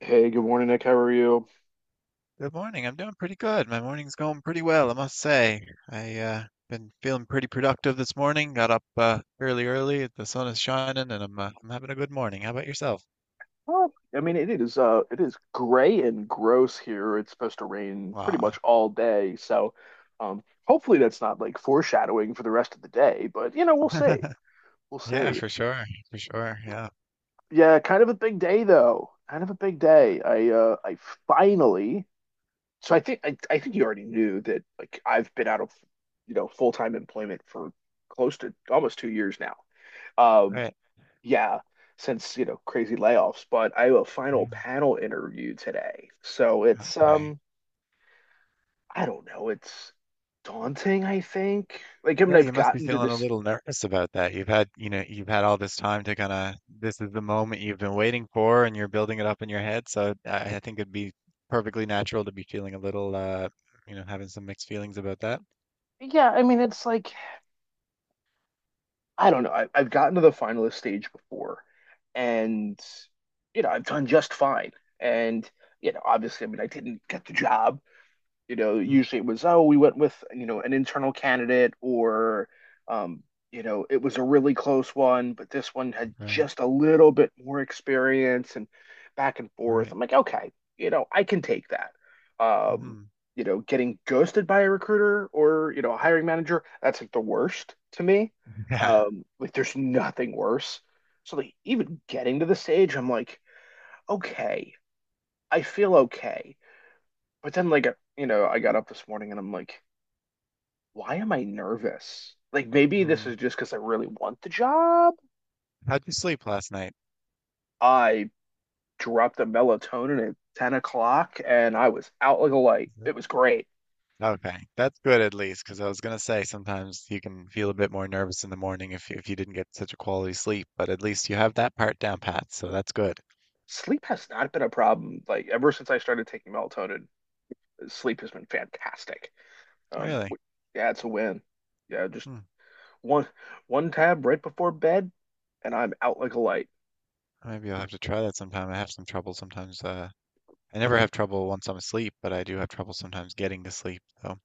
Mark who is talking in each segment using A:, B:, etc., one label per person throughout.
A: Hey, good morning, Nick. How are you?
B: Good morning. I'm doing pretty good. My morning's going pretty well, I must say. I been feeling pretty productive this morning. Got up fairly early. The sun is shining and I'm having a good morning. How about yourself?
A: Well, I mean, it is gray and gross here. It's supposed to rain pretty much
B: Wow.
A: all day, so hopefully that's not like foreshadowing for the rest of the day. But you know, we'll see. We'll
B: Yeah,
A: see.
B: for sure. For sure. Yeah.
A: Yeah, kind of a big day though. Kind of a big day. I finally. So I think you already knew that. Like I've been out of, you know, full-time employment for close to almost 2 years now. Um,
B: Right.
A: yeah, since, you know, crazy layoffs, but I have a
B: Yeah.
A: final panel interview today. So it's
B: Okay.
A: I don't know, it's daunting, I think. Like, I mean,
B: Yeah,
A: I've
B: you must be
A: gotten to
B: feeling a
A: this.
B: little nervous about that. You've had all this time to kind of, this is the moment you've been waiting for and you're building it up in your head. So I think it'd be perfectly natural to be feeling a little, having some mixed feelings about that.
A: Yeah, I mean, it's like I don't know. I've gotten to the finalist stage before, and you know, I've done just fine. And you know, obviously, I mean I didn't get the job. You know,
B: Mm,
A: usually it was, oh, we went with, you know, an internal candidate, or, um, you know, it was a really close one, but this one had
B: right,
A: just a little bit more experience and back and forth.
B: right.
A: I'm like, okay, you know, I can take that. Um,
B: Hmm.
A: you know, getting ghosted by a recruiter, or, you know, a hiring manager, that's like the worst to me.
B: Yeah.
A: Like there's nothing worse. So like even getting to the stage, I'm like, okay, I feel okay. But then, like, you know, I got up this morning and I'm like, why am I nervous? Like maybe this
B: Mm.
A: is just because I really want the job.
B: How'd you sleep last night?
A: I dropped the melatonin at 10 o'clock and I was out like a light.
B: Is
A: It was great.
B: Okay, that's good at least, because I was gonna say sometimes you can feel a bit more nervous in the morning if you didn't get such a quality sleep, but at least you have that part down pat, so that's good.
A: Sleep has not been a problem. Like ever since I started taking melatonin, sleep has been fantastic. Um,
B: Really?
A: yeah, it's a win. Yeah, just
B: Hmm.
A: one one tab right before bed and I'm out like a light.
B: Maybe I'll have to try that sometime. I have some trouble sometimes. I never have trouble once I'm asleep, but I do have trouble sometimes getting to sleep. So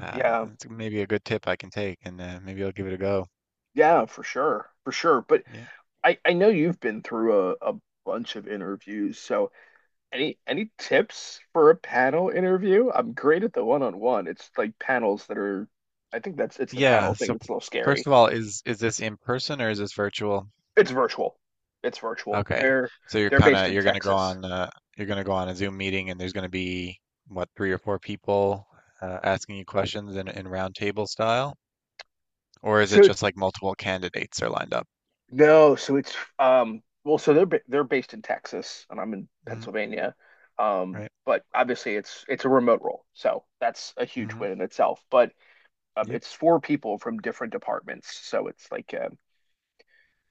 B: uh,
A: Yeah.
B: it's maybe a good tip I can take, and maybe I'll give it a go.
A: Yeah, for sure. For sure. But
B: Yeah.
A: I know you've been through a bunch of interviews, so any tips for a panel interview? I'm great at the one-on-one. It's like panels that are, I think that's it's the panel
B: Yeah.
A: thing
B: So
A: that's a little
B: first
A: scary.
B: of all, is this in person or is this virtual?
A: It's virtual. It's virtual.
B: Okay.
A: They're
B: So you're
A: they're
B: kind
A: based
B: of
A: in
B: you're gonna go
A: Texas.
B: on you're gonna go on a Zoom meeting and there's gonna be what, three or four people asking you questions in round table style, or is it
A: So
B: just like multiple candidates are lined up?
A: no, so it's well, so they're based in Texas and I'm in
B: Mm,
A: Pennsylvania.
B: right.
A: But obviously it's a remote role, so that's a huge
B: Hmm.
A: win in itself. But
B: Yep.
A: it's four people from different departments, so it's like,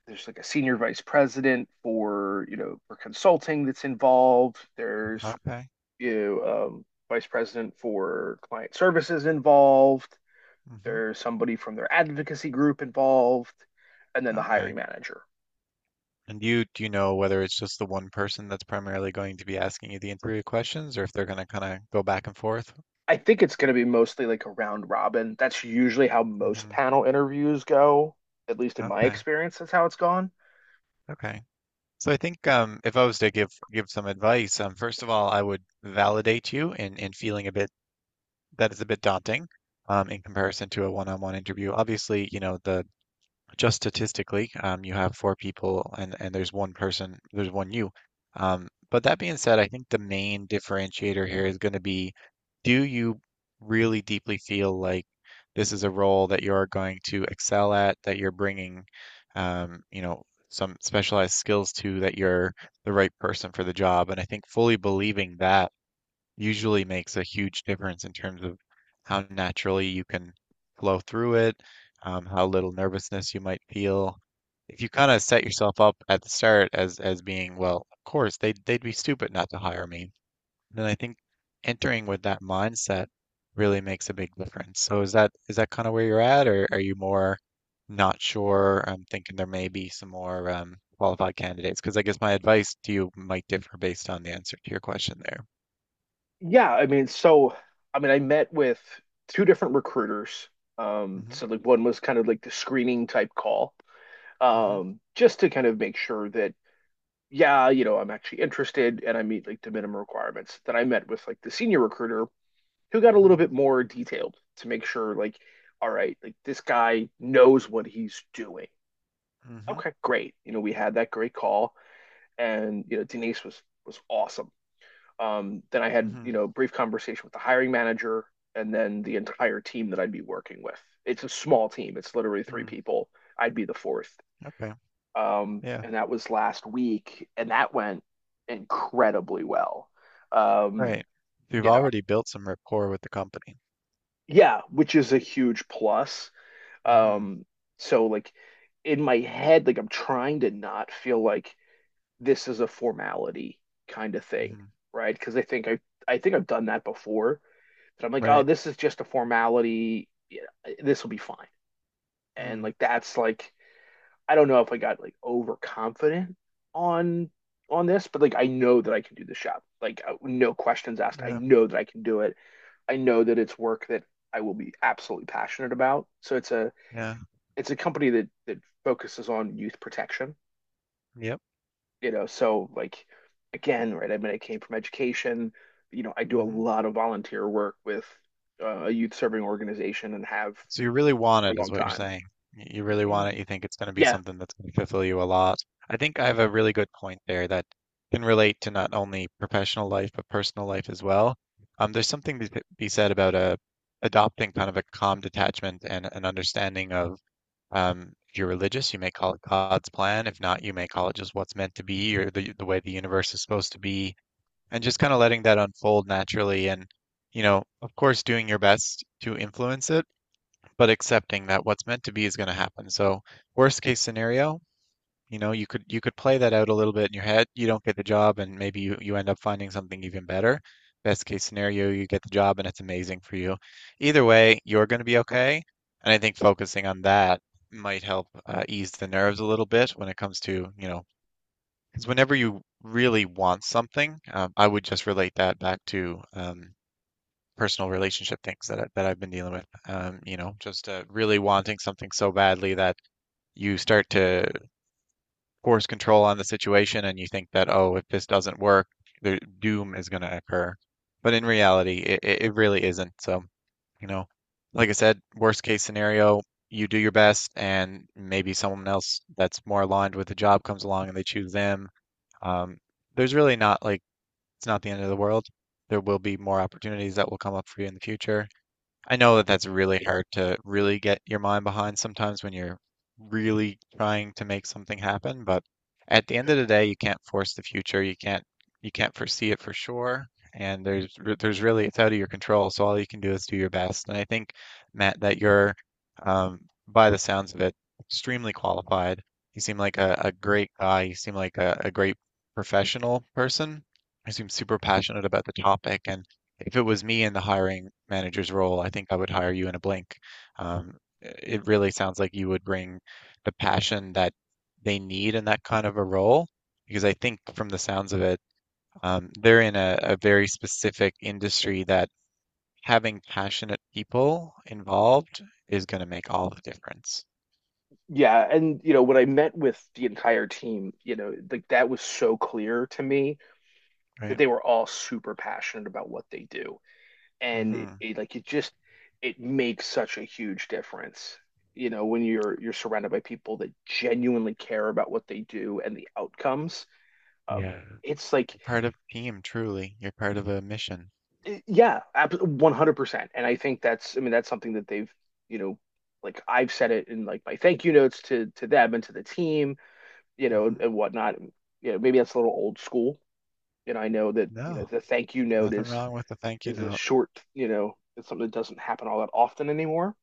A: there's like a senior vice president for, you know, for consulting that's involved. There's,
B: Okay.
A: you know, vice president for client services involved.
B: Hmm.
A: There's somebody from their advocacy group involved. And then the hiring
B: Okay.
A: manager.
B: And you do you know whether it's just the one person that's primarily going to be asking you the interview questions, or if they're gonna kind of go back and forth?
A: I think it's going to be mostly like a round robin. That's usually how most
B: Hmm.
A: panel interviews go, at least in my
B: Okay.
A: experience. That's how it's gone.
B: Okay. So I think, if I was to give some advice, first of all, I would validate you in feeling a bit that is a bit daunting, in comparison to a one-on-one interview. Obviously, you know the just statistically, you have four people, and there's one person, there's one you. But that being said, I think the main differentiator here is going to be, do you really deeply feel like this is a role that you're going to excel at, that you're bringing, um, you know, some specialized skills to, that you're the right person for the job? And I think fully believing that usually makes a huge difference in terms of how naturally you can flow through it, how little nervousness you might feel. If you kind of set yourself up at the start as being, well, of course they'd be stupid not to hire me, then I think entering with that mindset really makes a big difference. So is that, kind of where you're at, or are you more not sure? I'm thinking there may be some more, qualified candidates, because I guess my advice to you might differ based on the answer to your question there.
A: Yeah, I mean, so I mean, I met with two different recruiters.
B: Hmm.
A: So like one was kind of like the screening type call,
B: Hmm.
A: just to kind of make sure that, yeah, you know, I'm actually interested and I meet like the minimum requirements. Then I met with like the senior recruiter, who got a little
B: Mhm,
A: bit more detailed to make sure like, all right, like this guy knows what he's doing.
B: mhm,
A: Okay, great. You know, we had that great call, and you know, Denise was awesome. Then I had, you
B: mhm,
A: know, a brief conversation with the hiring manager, and then the entire team that I'd be working with. It's a small team. It's literally three
B: mhm.
A: people. I'd be the fourth,
B: Okay. Yeah,
A: and that was last week, and that went incredibly well. Um,
B: right. You've
A: you know,
B: already built some rapport with the company.
A: yeah, which is a huge plus.
B: Mhm,
A: Um, so like in my head, like I'm trying to not feel like this is a formality kind of thing,
B: mhm.
A: right? Because I think I think I've done that before. That I'm like, oh,
B: Right.
A: this is just a formality. You know, this will be fine. And
B: Mm,
A: like that's like, I don't know if I got like overconfident on this, but like I know that I can do the job. Like no questions asked. I
B: yeah,
A: know that I can do it. I know that it's work that I will be absolutely passionate about. So it's a
B: yeah,
A: it's a company that focuses on youth protection.
B: yep.
A: You know, so like, again, right? I mean, I came from education. You know, I do a
B: Mhm.
A: lot of volunteer work with a youth serving organization, and have
B: So you really want
A: for a
B: it, is
A: long
B: what you're
A: time.
B: saying. You really want it. You think it's going to be
A: Yeah,
B: something that's going to fulfill you a lot. I think I have a really good point there that can relate to not only professional life but personal life as well. There's something to be said about, adopting kind of a calm detachment and an understanding of. If you're religious, you may call it God's plan. If not, you may call it just what's meant to be or the way the universe is supposed to be, and just kind of letting that unfold naturally. And, of course, doing your best to influence it, but accepting that what's meant to be is going to happen. So, worst case scenario, you could play that out a little bit in your head. You don't get the job, and maybe you end up finding something even better. Best case scenario, you get the job and it's amazing for you. Either way, you're going to be okay. And I think focusing on that might help, ease the nerves a little bit when it comes to, because whenever you really want something, I would just relate that back to, personal relationship things that I've been dealing with. Just really wanting something so badly that you start to course control on the situation, and you think that, oh, if this doesn't work, the doom is going to occur. But in reality, it really isn't. So, you know, like I said, worst case scenario, you do your best and maybe someone else that's more aligned with the job comes along and they choose them. Um, there's really not, like, it's not the end of the world. There will be more opportunities that will come up for you in the future. I know that that's really hard to really get your mind behind sometimes when you're really trying to make something happen, but at the end of the day, you can't force the future. You can't foresee it for sure, and there's really it's out of your control. So all you can do is do your best. And I think, Matt, that you're, um, by the sounds of it, extremely qualified. You seem like a great guy. You seem like a great professional person. You seem super passionate about the topic, and if it was me in the hiring manager's role, I think I would hire you in a blink. Um, it really sounds like you would bring the passion that they need in that kind of a role, because I think from the sounds of it, they're in a very specific industry that having passionate people involved is going to make all the difference,
A: yeah, and you know, when I met with the entire team, you know, like that was so clear to me, that
B: right?
A: they were all super passionate about what they do, and it,
B: Hmm.
A: it like it just it makes such a huge difference. You know, when you're surrounded by people that genuinely care about what they do and the outcomes, um,
B: Yeah.
A: it's like,
B: You're part of a team, truly. You're part of a mission.
A: yeah, 100%. And I think that's, I mean, that's something that they've, you know, like I've said it in like my thank you notes to them and to the team, you know, and,
B: Hmm.
A: and whatnot. You know, maybe that's a little old school. And I know that, you
B: No,
A: know, the thank you note
B: nothing
A: is
B: wrong with a thank you
A: is a
B: note.
A: short, you know, it's something that doesn't happen all that often anymore,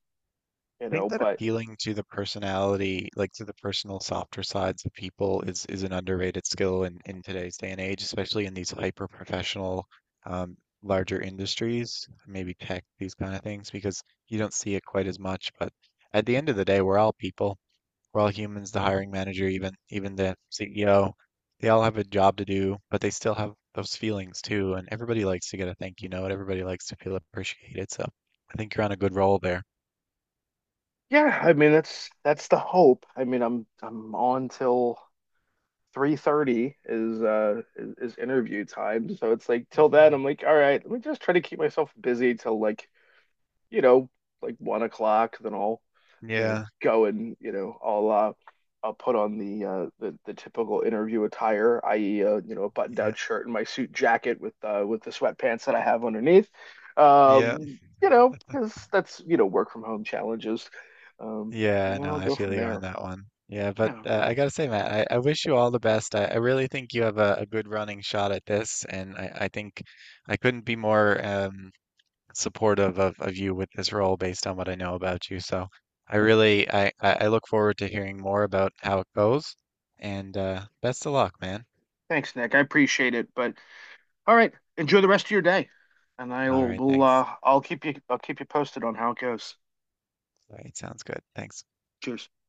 A: you
B: Think
A: know,
B: that
A: but
B: appealing to the personality, like to the personal softer sides of people is an underrated skill in today's day and age, especially in these hyper professional um larger industries, maybe tech, these kind of things, because you don't see it quite as much. But at the end of the day, we're all people. We're all humans, the hiring manager, even the CEO, they all have a job to do, but they still have those feelings too. And everybody likes to get a thank you note. Everybody likes to feel appreciated. So I think you're on a good roll there.
A: yeah, I mean, that's the hope. I mean I'm on till 3:30 is interview time. So it's like till then
B: Mhm.
A: I'm like, all right, let me just try to keep myself busy till, like, you know, like 1 o'clock, then I'll, you know,
B: Yeah.
A: go and, you know, I'll put on the typical interview attire, i.e. You know, a button down
B: Yeah,
A: shirt and my suit jacket with with the sweatpants that I have underneath.
B: yeah,
A: You know, because that's, you know, work from home challenges. Um, you
B: yeah.
A: know,
B: No,
A: I'll
B: I
A: go
B: feel
A: from
B: you on
A: there.
B: that one. Yeah, but
A: Yeah.
B: I gotta say, Matt, I wish you all the best. I really think you have a good running shot at this, and I think I couldn't be more, supportive of you with this role based on what I know about you. So I really, I look forward to hearing more about how it goes, and best of luck, man.
A: Thanks, Nick. I appreciate it. But all right, enjoy the rest of your day. And
B: All
A: I'll
B: right,
A: will
B: thanks.
A: uh I'll keep you posted on how it goes.
B: All right, sounds good. Thanks.
A: Cheers.